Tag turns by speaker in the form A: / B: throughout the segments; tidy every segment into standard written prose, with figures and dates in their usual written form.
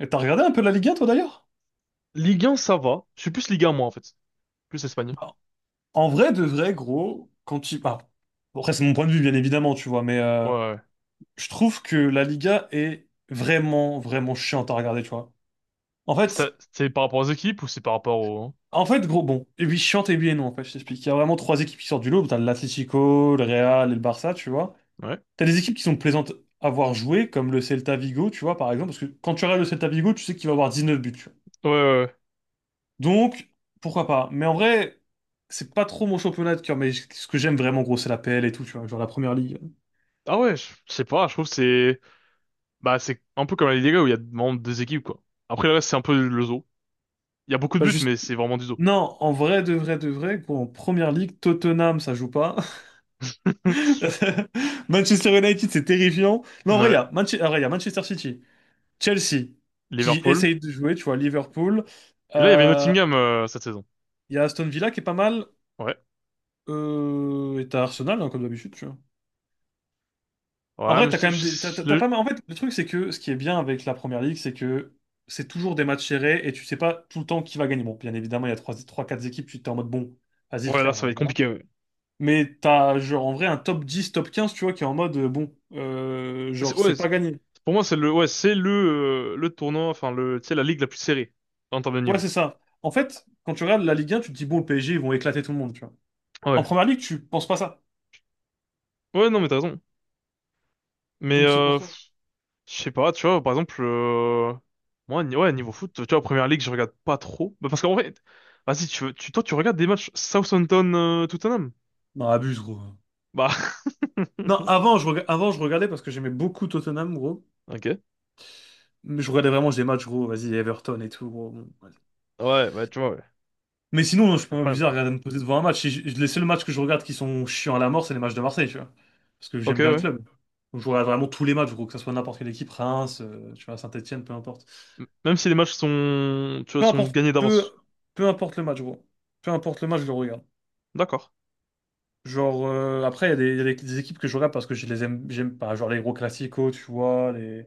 A: Et t'as regardé un peu la Liga, toi, d'ailleurs?
B: Ligue 1, ça va. Je suis plus Ligue 1, moi, en fait. Plus Espagne.
A: Bah, en vrai, de vrai, gros, ah, bon, après, c'est mon point de vue, bien évidemment, tu vois, mais
B: Ouais,
A: euh,
B: ouais.
A: je trouve que la Liga est vraiment, vraiment chiante à regarder, tu vois. En
B: C'est
A: fait,
B: c'est par rapport aux équipes ou c'est par rapport au...
A: en fait, gros, bon, et oui, chiante et oui et non, en fait, je t'explique. Il y a vraiment trois équipes qui sortent du lot. T'as l'Atlético, le Real et le Barça, tu vois.
B: Ouais.
A: T'as des équipes qui sont plaisantes à voir jouer, comme le Celta Vigo, tu vois, par exemple, parce que quand tu regardes le Celta Vigo, tu sais qu'il va avoir 19 buts, tu vois.
B: Ouais, ouais. Ouais.
A: Donc, pourquoi pas. Mais en vrai, c'est pas trop mon championnat de cœur, mais ce que j'aime vraiment, gros, c'est la PL et tout, tu vois, genre la première ligue.
B: Ah ouais, je sais pas, je trouve que c'est... Bah, c'est un peu comme la Liga où il y a vraiment deux équipes, quoi. Après, le reste, c'est un peu le zoo. Il y a beaucoup de
A: Pas
B: buts,
A: juste.
B: mais c'est vraiment du zoo.
A: Non, en vrai, de vrai, de vrai, gros, en première ligue, Tottenham, ça joue pas. Manchester United, c'est terrifiant. Mais en vrai, il y
B: Ouais.
A: a Manche- en vrai, il y a Manchester City, Chelsea, qui
B: Liverpool.
A: essaye de jouer, tu vois, Liverpool.
B: Et là, il y avait
A: Euh,
B: Nottingham cette saison.
A: Il y a Aston Villa qui est pas mal.
B: Ouais.
A: Et t'as Arsenal, hein, comme d'habitude. En
B: Ouais,
A: vrai,
B: mais
A: t'as quand même t'as pas mal. En fait, le truc, c'est que ce qui est bien avec la première ligue, c'est que c'est toujours des matchs serrés et tu sais pas tout le temps qui va gagner. Bon, bien évidemment, il y a 3 trois 4 équipes, tu t'es en mode bon, vas-y
B: Ouais, là,
A: frère,
B: ça va être
A: voilà.
B: compliqué. Ouais,
A: Mais t'as genre en vrai un top 10, top 15, tu vois, qui est en mode bon, genre c'est
B: Ouais,
A: pas gagné.
B: pour moi, Ouais, c'est le tournoi, enfin, tu sais, la ligue la plus serrée en termes de
A: Ouais,
B: niveau.
A: c'est ça. En fait, quand tu regardes la Ligue 1, tu te dis bon, le PSG, ils vont éclater tout le monde, tu vois. En
B: Ouais.
A: première ligue, tu penses pas ça.
B: Ouais, non, mais t'as raison. Mais
A: Donc c'est pour ça.
B: je sais pas, tu vois, par exemple, moi, ouais, niveau foot, tu vois, Première Ligue, je regarde pas trop. Bah, parce qu'en vrai, vas-y, tu, toi, tu regardes des matchs Southampton-Tottenham?
A: Non, abuse, gros.
B: bah,
A: Non, avant, je regardais parce que j'aimais beaucoup Tottenham, gros.
B: ok.
A: Mais je regardais vraiment des matchs, gros, vas-y, Everton et tout, gros. Bon, vas-y.
B: Ouais, bah, tu vois, ouais.
A: Mais sinon, non, je
B: C'est
A: peux
B: le problème.
A: m'amuser à regarder me poser devant un match. Si je- Les seuls matchs que je regarde qui sont chiants à la mort, c'est les matchs de Marseille, tu vois. Parce que
B: Ok,
A: j'aime bien le
B: ouais.
A: club. Donc, je regarde vraiment tous les matchs, gros, que ce soit n'importe quelle équipe, Reims, tu vois, Saint-Étienne, peu importe.
B: Même si les matchs tu vois,
A: Peu
B: sont
A: importe,
B: gagnés
A: peu,
B: d'avance.
A: peu importe le match, gros. Peu importe le match, je le regarde.
B: D'accord.
A: Genre, après, il y a des, il y a des équipes que je regarde parce que je les aime, j'aime pas. Genre les gros classicos, tu vois, les,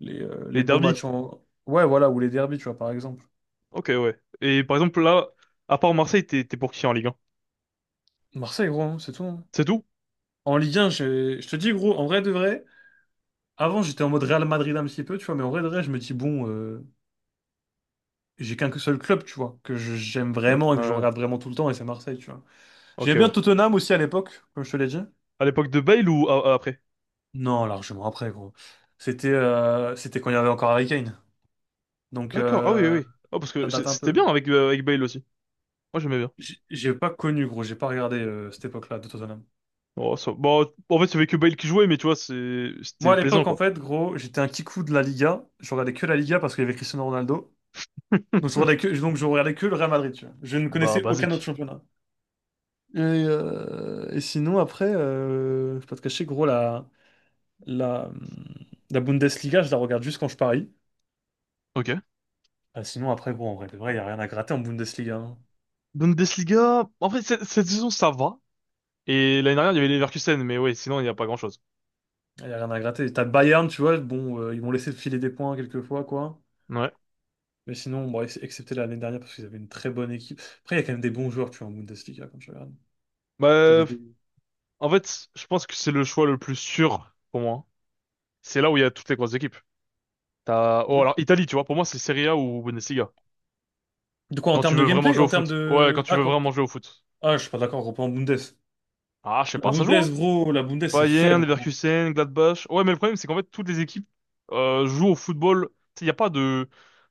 A: les, euh, les
B: Les
A: beaux
B: derbies?
A: matchs en. Ouais, voilà, ou les derbies, tu vois, par exemple.
B: Ok, ouais. Et par exemple, là, à part Marseille, t'es pour qui en Ligue 1?
A: Marseille, gros, hein, c'est tout, hein.
B: C'est tout?
A: En Ligue 1, je te dis, gros, en vrai de vrai, avant j'étais en mode Real Madrid un petit peu, tu vois, mais en vrai de vrai, je me dis, bon, j'ai qu'un seul club, tu vois, j'aime
B: Mm,
A: vraiment et que je
B: Ouais.
A: regarde vraiment tout le temps, et c'est Marseille, tu vois.
B: Ok,
A: J'aimais bien
B: ouais.
A: Tottenham aussi à l'époque, comme je te l'ai dit.
B: À l'époque de Bale ou après?
A: Non, largement après, gros. C'était quand il y avait encore Harry Kane. Donc,
B: D'accord, ah oui, oui, oui. Ah, parce que
A: ça date un
B: c'était bien
A: peu.
B: avec, avec Bale aussi. Moi, j'aimais bien.
A: J'ai pas connu, gros, j'ai pas regardé cette époque-là de Tottenham.
B: Oh, Bon, en fait, il y avait que Bale qui jouait, mais tu vois, c'est,
A: Moi,
B: c'était
A: à
B: plaisant,
A: l'époque, en
B: quoi.
A: fait, gros, j'étais un kikou de la Liga. Je regardais que la Liga parce qu'il y avait Cristiano Ronaldo. Donc je regardais que le Real Madrid, tu vois. Je ne
B: Bah,
A: connaissais aucun autre
B: basique.
A: championnat. Et sinon, après, je vais pas te cacher, gros, la, la Bundesliga, je la regarde juste quand je parie.
B: Ok.
A: Ah, sinon, après, gros, en vrai, de vrai, il n'y a rien à gratter en Bundesliga, hein.
B: Bundesliga, en fait, cette saison, ça va. Et l'année dernière, il y avait Leverkusen, mais ouais, sinon, il n'y a pas grand-chose.
A: Il n'y a rien à gratter. T'as Bayern, tu vois, bon, ils m'ont laissé filer des points quelquefois, quoi.
B: Ouais.
A: Mais sinon, bon, excepté l'année dernière, parce qu'ils avaient une très bonne équipe. Après, il y a quand même des bons joueurs, tu vois, en Bundesliga, quand tu regardes. T'as
B: Bah,
A: des-
B: en fait, je pense que c'est le choix le plus sûr pour moi. C'est là où il y a toutes les grosses équipes. Oh,
A: De
B: alors Italie, tu vois, pour moi, c'est Serie A ou Bundesliga.
A: de quoi, en
B: Quand tu
A: termes de
B: veux vraiment
A: gameplay?
B: jouer au
A: En termes
B: foot. Ouais, quand
A: de...
B: tu
A: Ah,
B: veux
A: quand...
B: vraiment jouer au foot.
A: Ah, je suis pas d'accord, on reprend en Bundes.
B: Ah, je sais
A: La
B: pas, ça joue, hein.
A: Bundes, gros, la Bundes, c'est
B: Bayern,
A: faible, gros.
B: Leverkusen, Gladbach. Ouais, mais le problème, c'est qu'en fait, toutes les équipes jouent au football. Il n'y a pas de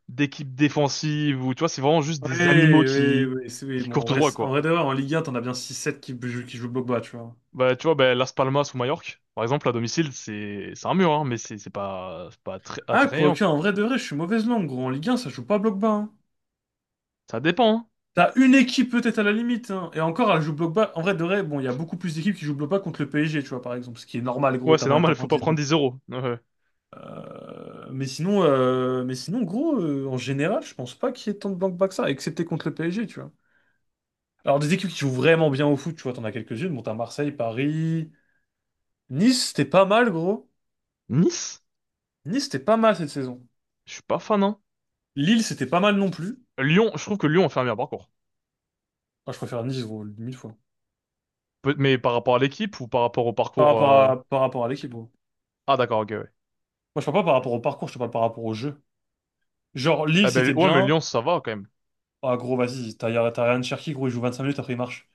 B: d'équipe défensive ou tu vois, c'est vraiment juste
A: Oui,
B: des animaux
A: oui,
B: qui
A: oui, oui.
B: qui
A: Bon,
B: courent
A: en
B: tout
A: vrai,
B: droit,
A: en
B: quoi.
A: vrai de vrai, en Ligue 1, t'en as bien six, sept qui, jouent bloc bas, tu vois.
B: Bah, tu vois, bah, Las Palmas ou Majorque, par exemple, à domicile, c'est un mur, hein, mais c'est pas
A: Ah,
B: attrayant,
A: quoique,
B: quoi.
A: en vrai de vrai, je suis mauvaise langue, gros. En Ligue 1, ça joue pas bloc bas, hein.
B: Ça dépend. Hein.
A: T'as une équipe peut-être à la limite, hein. Et encore, elle joue bloc bas. En vrai de vrai, bon, il y a beaucoup plus d'équipes qui jouent bloc bas contre le PSG, tu vois, par exemple. Ce qui est normal, gros,
B: Ouais,
A: t'as
B: c'est
A: pas envie de t'en
B: normal, faut
A: prendre
B: pas prendre
A: 19.
B: 10 euros. Ouais.
A: Mais sinon, gros, en général, je pense pas qu'il y ait tant de bloc bas que ça, excepté contre le PSG, tu vois. Alors, des équipes qui jouent vraiment bien au foot, tu vois, t'en as quelques-unes. Bon, t'as Marseille, Paris. Nice, c'était pas mal, gros.
B: Nice,
A: Nice, c'était pas mal cette saison.
B: je suis pas fan, hein.
A: Lille, c'était pas mal non plus.
B: Lyon, je trouve que Lyon a fait un meilleur parcours.
A: Enfin, je préfère Nice, gros, mille fois.
B: Mais par rapport à l'équipe ou par rapport au
A: Par
B: parcours.
A: rapport à, par rapport à l'équipe, gros.
B: Ah, d'accord, ok, ouais.
A: Moi, je parle pas par rapport au parcours, je te parle par rapport au jeu. Genre, Lille,
B: Ah ben,
A: c'était
B: ouais, mais
A: bien.
B: Lyon, ça va quand même.
A: Ah, gros, vas-y, t'as Ryan Cherki, gros, il joue 25 minutes, après il marche.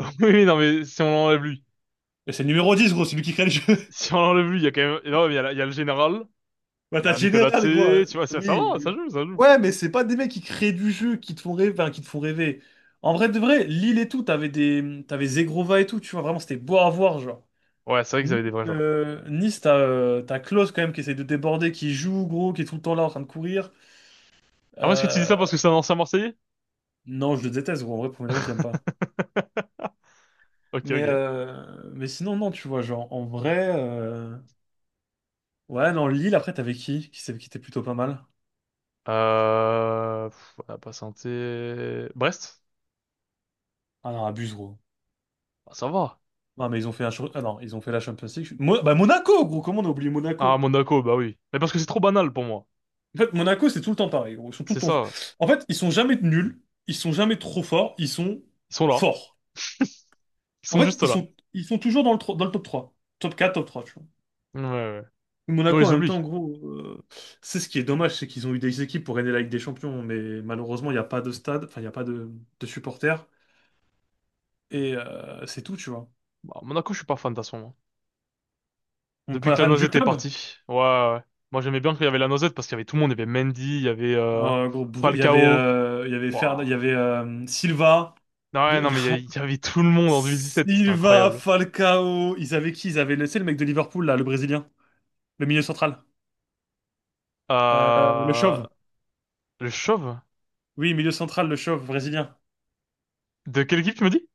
B: Oui, oui, non, mais si on l'enlève lui.
A: Et c'est le numéro 10 gros, c'est lui qui crée le jeu.
B: Si on l'enlève lui, il y a quand même. Non, mais il y a, il y a le général,
A: Bah,
B: il y
A: t'as
B: a Mikodate,
A: Général, gros, hein.
B: tu vois, ça,
A: Oui,
B: ça va, ça
A: oui.
B: joue, ça joue.
A: Ouais, mais c'est pas des mecs qui créent du jeu, qui te font rêver, enfin, qui te font rêver. En vrai de vrai, Lille et tout, t'avais Zegrova et tout, tu vois, vraiment, c'était beau à voir, genre.
B: Ouais, c'est vrai qu'ils
A: Nice,
B: avaient des vrais joueurs.
A: Nice, t'as Klose quand même qui essaie de déborder, qui joue gros, qui est tout le temps là en train de courir.
B: Ah, moi, est-ce que tu dis
A: Euh,
B: ça parce que c'est un ancien Marseillais?
A: non, je le déteste gros, en vrai, pour me dire, je l'aime pas.
B: Ok,
A: Mais,
B: ok.
A: euh, mais sinon, non, tu vois, genre en vrai. Ouais, non, Lille, après, t'avais qui? Qui était plutôt pas mal?
B: On a pas santé, Brest?
A: Ah non, abuse, gros.
B: Ah, ça va.
A: Non, mais ils ont fait, ah non, ils ont fait la Champions League. Bah, Monaco, gros, comment on a oublié
B: Ah,
A: Monaco?
B: Monaco, bah oui. Mais parce que c'est trop banal pour moi.
A: En fait, Monaco, c'est tout le temps pareil, gros. Ils sont tout le
B: C'est
A: temps...
B: ça.
A: En fait, ils sont jamais nuls, ils sont jamais trop forts, ils sont
B: Ils sont là.
A: forts.
B: Ils
A: En
B: sont
A: fait,
B: juste
A: ils
B: là.
A: sont, ils sont toujours dans le, dans le top 3, top 4, top trois, tu vois.
B: Ouais, ouais. Mais on
A: Monaco, en
B: les
A: même temps, en
B: oublie.
A: gros, c'est ce qui est dommage, c'est qu'ils ont eu des équipes pour gagner la Ligue des Champions, mais malheureusement, il n'y a pas de stade, enfin, il n'y a pas de supporters, et c'est tout, tu vois.
B: Bah, Monaco, je suis pas fan de toute façon.
A: Donc, pour
B: Depuis
A: la
B: que la
A: fan du
B: Noisette est
A: club,
B: partie. Ouais, ouais. Ouais. Moi, j'aimais bien qu'il y avait la Noisette parce qu'il y avait tout le monde. Il y avait Mendy, il y avait
A: gros, il y avait,
B: Falcao.
A: il y avait, il
B: Waouh.
A: y avait Silva,
B: Non, ouais, non, mais il y avait
A: Br-
B: il y avait tout le monde en 2017. C'était
A: Silva,
B: incroyable.
A: Falcao, ils avaient qui? C'est le mec de Liverpool, là, le Brésilien, le milieu central. Euh, le
B: Euh...
A: chauve.
B: Le Chauve?
A: Oui, milieu central, le chauve brésilien.
B: De quelle équipe tu me dis?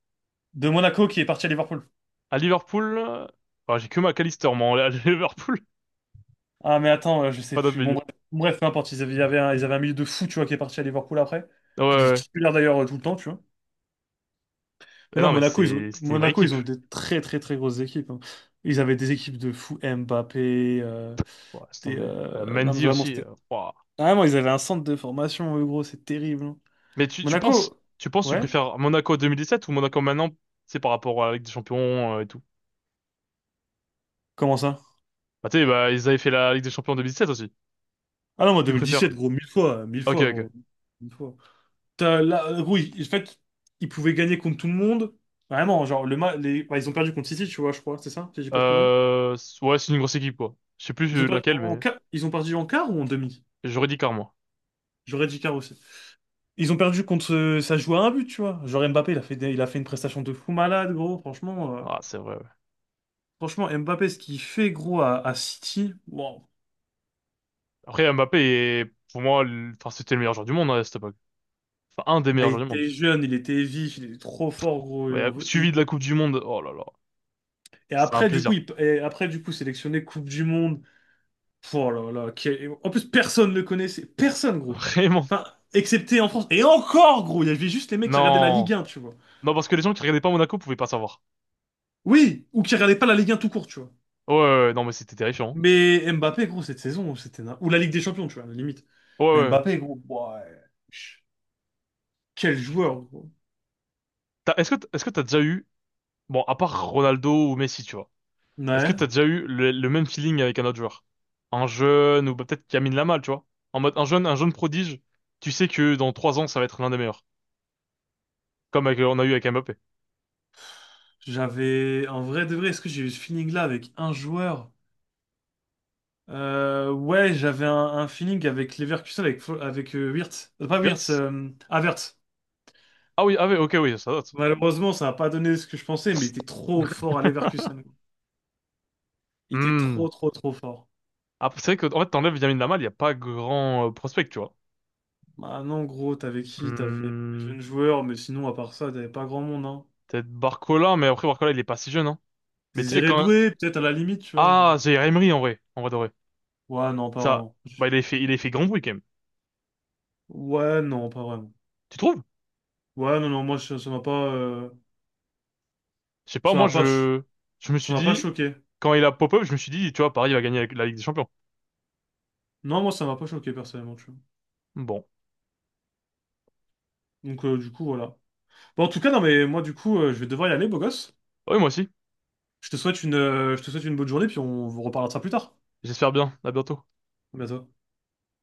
A: De Monaco qui est parti à Liverpool.
B: À Liverpool? Ouais, j'ai que McAllister, moi, à Liverpool.
A: Ah, mais attends, je
B: J'ai
A: sais
B: pas d'autres
A: plus. Bon,
B: milieux.
A: bref, peu importe. Ils avaient un milieu de fou, tu vois, qui est parti à Liverpool après.
B: Ouais, ouais.
A: Qui était
B: Ouais.
A: titulaire d'ailleurs, tout le temps, tu vois.
B: Mais
A: Mais non,
B: non, mais
A: Monaco,
B: c'est, c'était une vraie équipe.
A: Ils ont eu des très, très, très grosses équipes, hein. Ils avaient des équipes de fou, Mbappé.
B: Ouais, laisse tomber. Bah,
A: Non, mais
B: Mendy
A: vraiment,
B: aussi. euh,
A: c'était.
B: waouh.
A: Ah, vraiment, ils avaient un centre de formation, eux, gros, c'est terrible, hein.
B: Mais tu, tu penses,
A: Monaco?
B: tu penses, que tu
A: Ouais?
B: préfères Monaco 2017 ou Monaco maintenant? C'est par rapport à la Ligue des Champions et tout.
A: Comment ça?
B: Bah, tu sais, bah, ils avaient fait la Ligue des Champions en 2017 aussi.
A: Ah non, moi,
B: Tu préfères?
A: 2017, gros, mille
B: Ok,
A: fois,
B: ok.
A: gros. Mille fois. Là, oui, en fait, ils pouvaient gagner contre tout le monde. Vraiment, genre, les... bah, ils ont perdu contre City, tu vois, je crois, c'est ça, si j'ai pas de conneries.
B: Ouais, c'est une grosse équipe, quoi. Je sais plus laquelle, mais
A: Ils ont perdu en quart ou en demi?
B: j'aurais dit Car, moi.
A: J'aurais dit quart aussi. Ils ont perdu contre. Ça joue à un but, tu vois. Genre, Mbappé, il a fait une prestation de fou malade, gros, franchement.
B: Ah, c'est vrai, ouais.
A: Franchement, Mbappé, ce qu'il fait, gros, à City, wow.
B: Après, Mbappé est, pour moi, enfin, c'était le meilleur joueur du monde, hein, à cette époque. Enfin, un des
A: Bah,
B: meilleurs
A: il
B: joueurs du monde.
A: était jeune, il était vif, il était trop fort, gros. Et,
B: Ouais,
A: on veut-
B: suivi de la
A: il-
B: Coupe du Monde. Oh là là.
A: et
B: C'est un
A: après, du coup,
B: plaisir.
A: il... Et après, du coup, sélectionné Coupe du Monde. Oh là là, en plus personne ne le connaissait, personne gros.
B: Vraiment.
A: Enfin, excepté en France. Et encore gros, il y avait juste les mecs qui regardaient la
B: Non.
A: Ligue 1, tu vois.
B: Non, parce que les gens qui regardaient pas Monaco pouvaient pas savoir.
A: Oui, ou qui regardaient pas la Ligue 1 tout court, tu vois.
B: Ouais, ouais, Ouais. Non, mais c'était terrifiant.
A: Mais Mbappé gros, cette saison, c'était ou la Ligue des Champions, tu vois, à la limite.
B: Hein. Ouais,
A: Mais
B: ouais.
A: Mbappé gros, ouais. Quel
B: Putain.
A: joueur gros.
B: Est-ce que, est-ce que t'as déjà eu, bon, à part Ronaldo ou Messi, tu vois. Est-ce que
A: Ouais,
B: t'as déjà eu le même feeling avec un autre joueur? Un jeune ou bah, peut-être Lamine Lamal, tu vois? En mode un jeune prodige, tu sais que dans 3 ans ça va être l'un des meilleurs, comme avec, on a eu avec Mbappé.
A: j'avais en vrai de vrai, est-ce que j'ai eu ce feeling là avec un joueur? Ouais, j'avais un feeling avec Leverkusen avec Wirtz. Pas Wirtz,
B: Yes.
A: Havertz.
B: Ah oui, ah oui, ok, oui, ça date.
A: Malheureusement, ça n'a pas donné ce que je pensais, mais il était trop fort à Leverkusen. Il était
B: Hmm.
A: trop, trop, trop fort.
B: Après, c'est vrai que en fait t'enlèves Lamine Lamal, il y a pas grand prospect, tu vois.
A: Bah non, gros, t'avais qui? T'avais des
B: Hmm.
A: jeunes joueurs, mais sinon, à part ça, t'avais pas grand monde, hein.
B: Peut-être Barcola, mais après Barcola il est pas si jeune, hein. Mais tu sais
A: Désiré
B: quand
A: Doué, peut-être à la limite, tu vois,
B: ah
A: genre.
B: Zaïre Emery en vrai de vrai.
A: Ouais, non, pas
B: Ça,
A: vraiment.
B: bah il a fait grand bruit quand même.
A: Ouais, non, pas vraiment.
B: Tu trouves?
A: Ouais, non, non, moi, ça m'a pas...
B: Je sais pas,
A: Ça
B: moi
A: m'a pas... cho-
B: je me
A: Ça
B: suis
A: m'a pas
B: dit.
A: choqué.
B: Quand il a pop-up, je me suis dit, tu vois, Paris va gagner la Ligue des Champions.
A: Non, moi, ça m'a pas choqué, personnellement, tu vois.
B: Bon.
A: Donc, du coup, voilà. Bon, en tout cas, non, mais moi, du coup, je vais devoir y aller, beau gosse.
B: Ah oui, moi aussi.
A: Je te souhaite une bonne journée, puis on vous reparlera de ça plus tard.
B: J'espère bien. À bientôt.
A: À bientôt.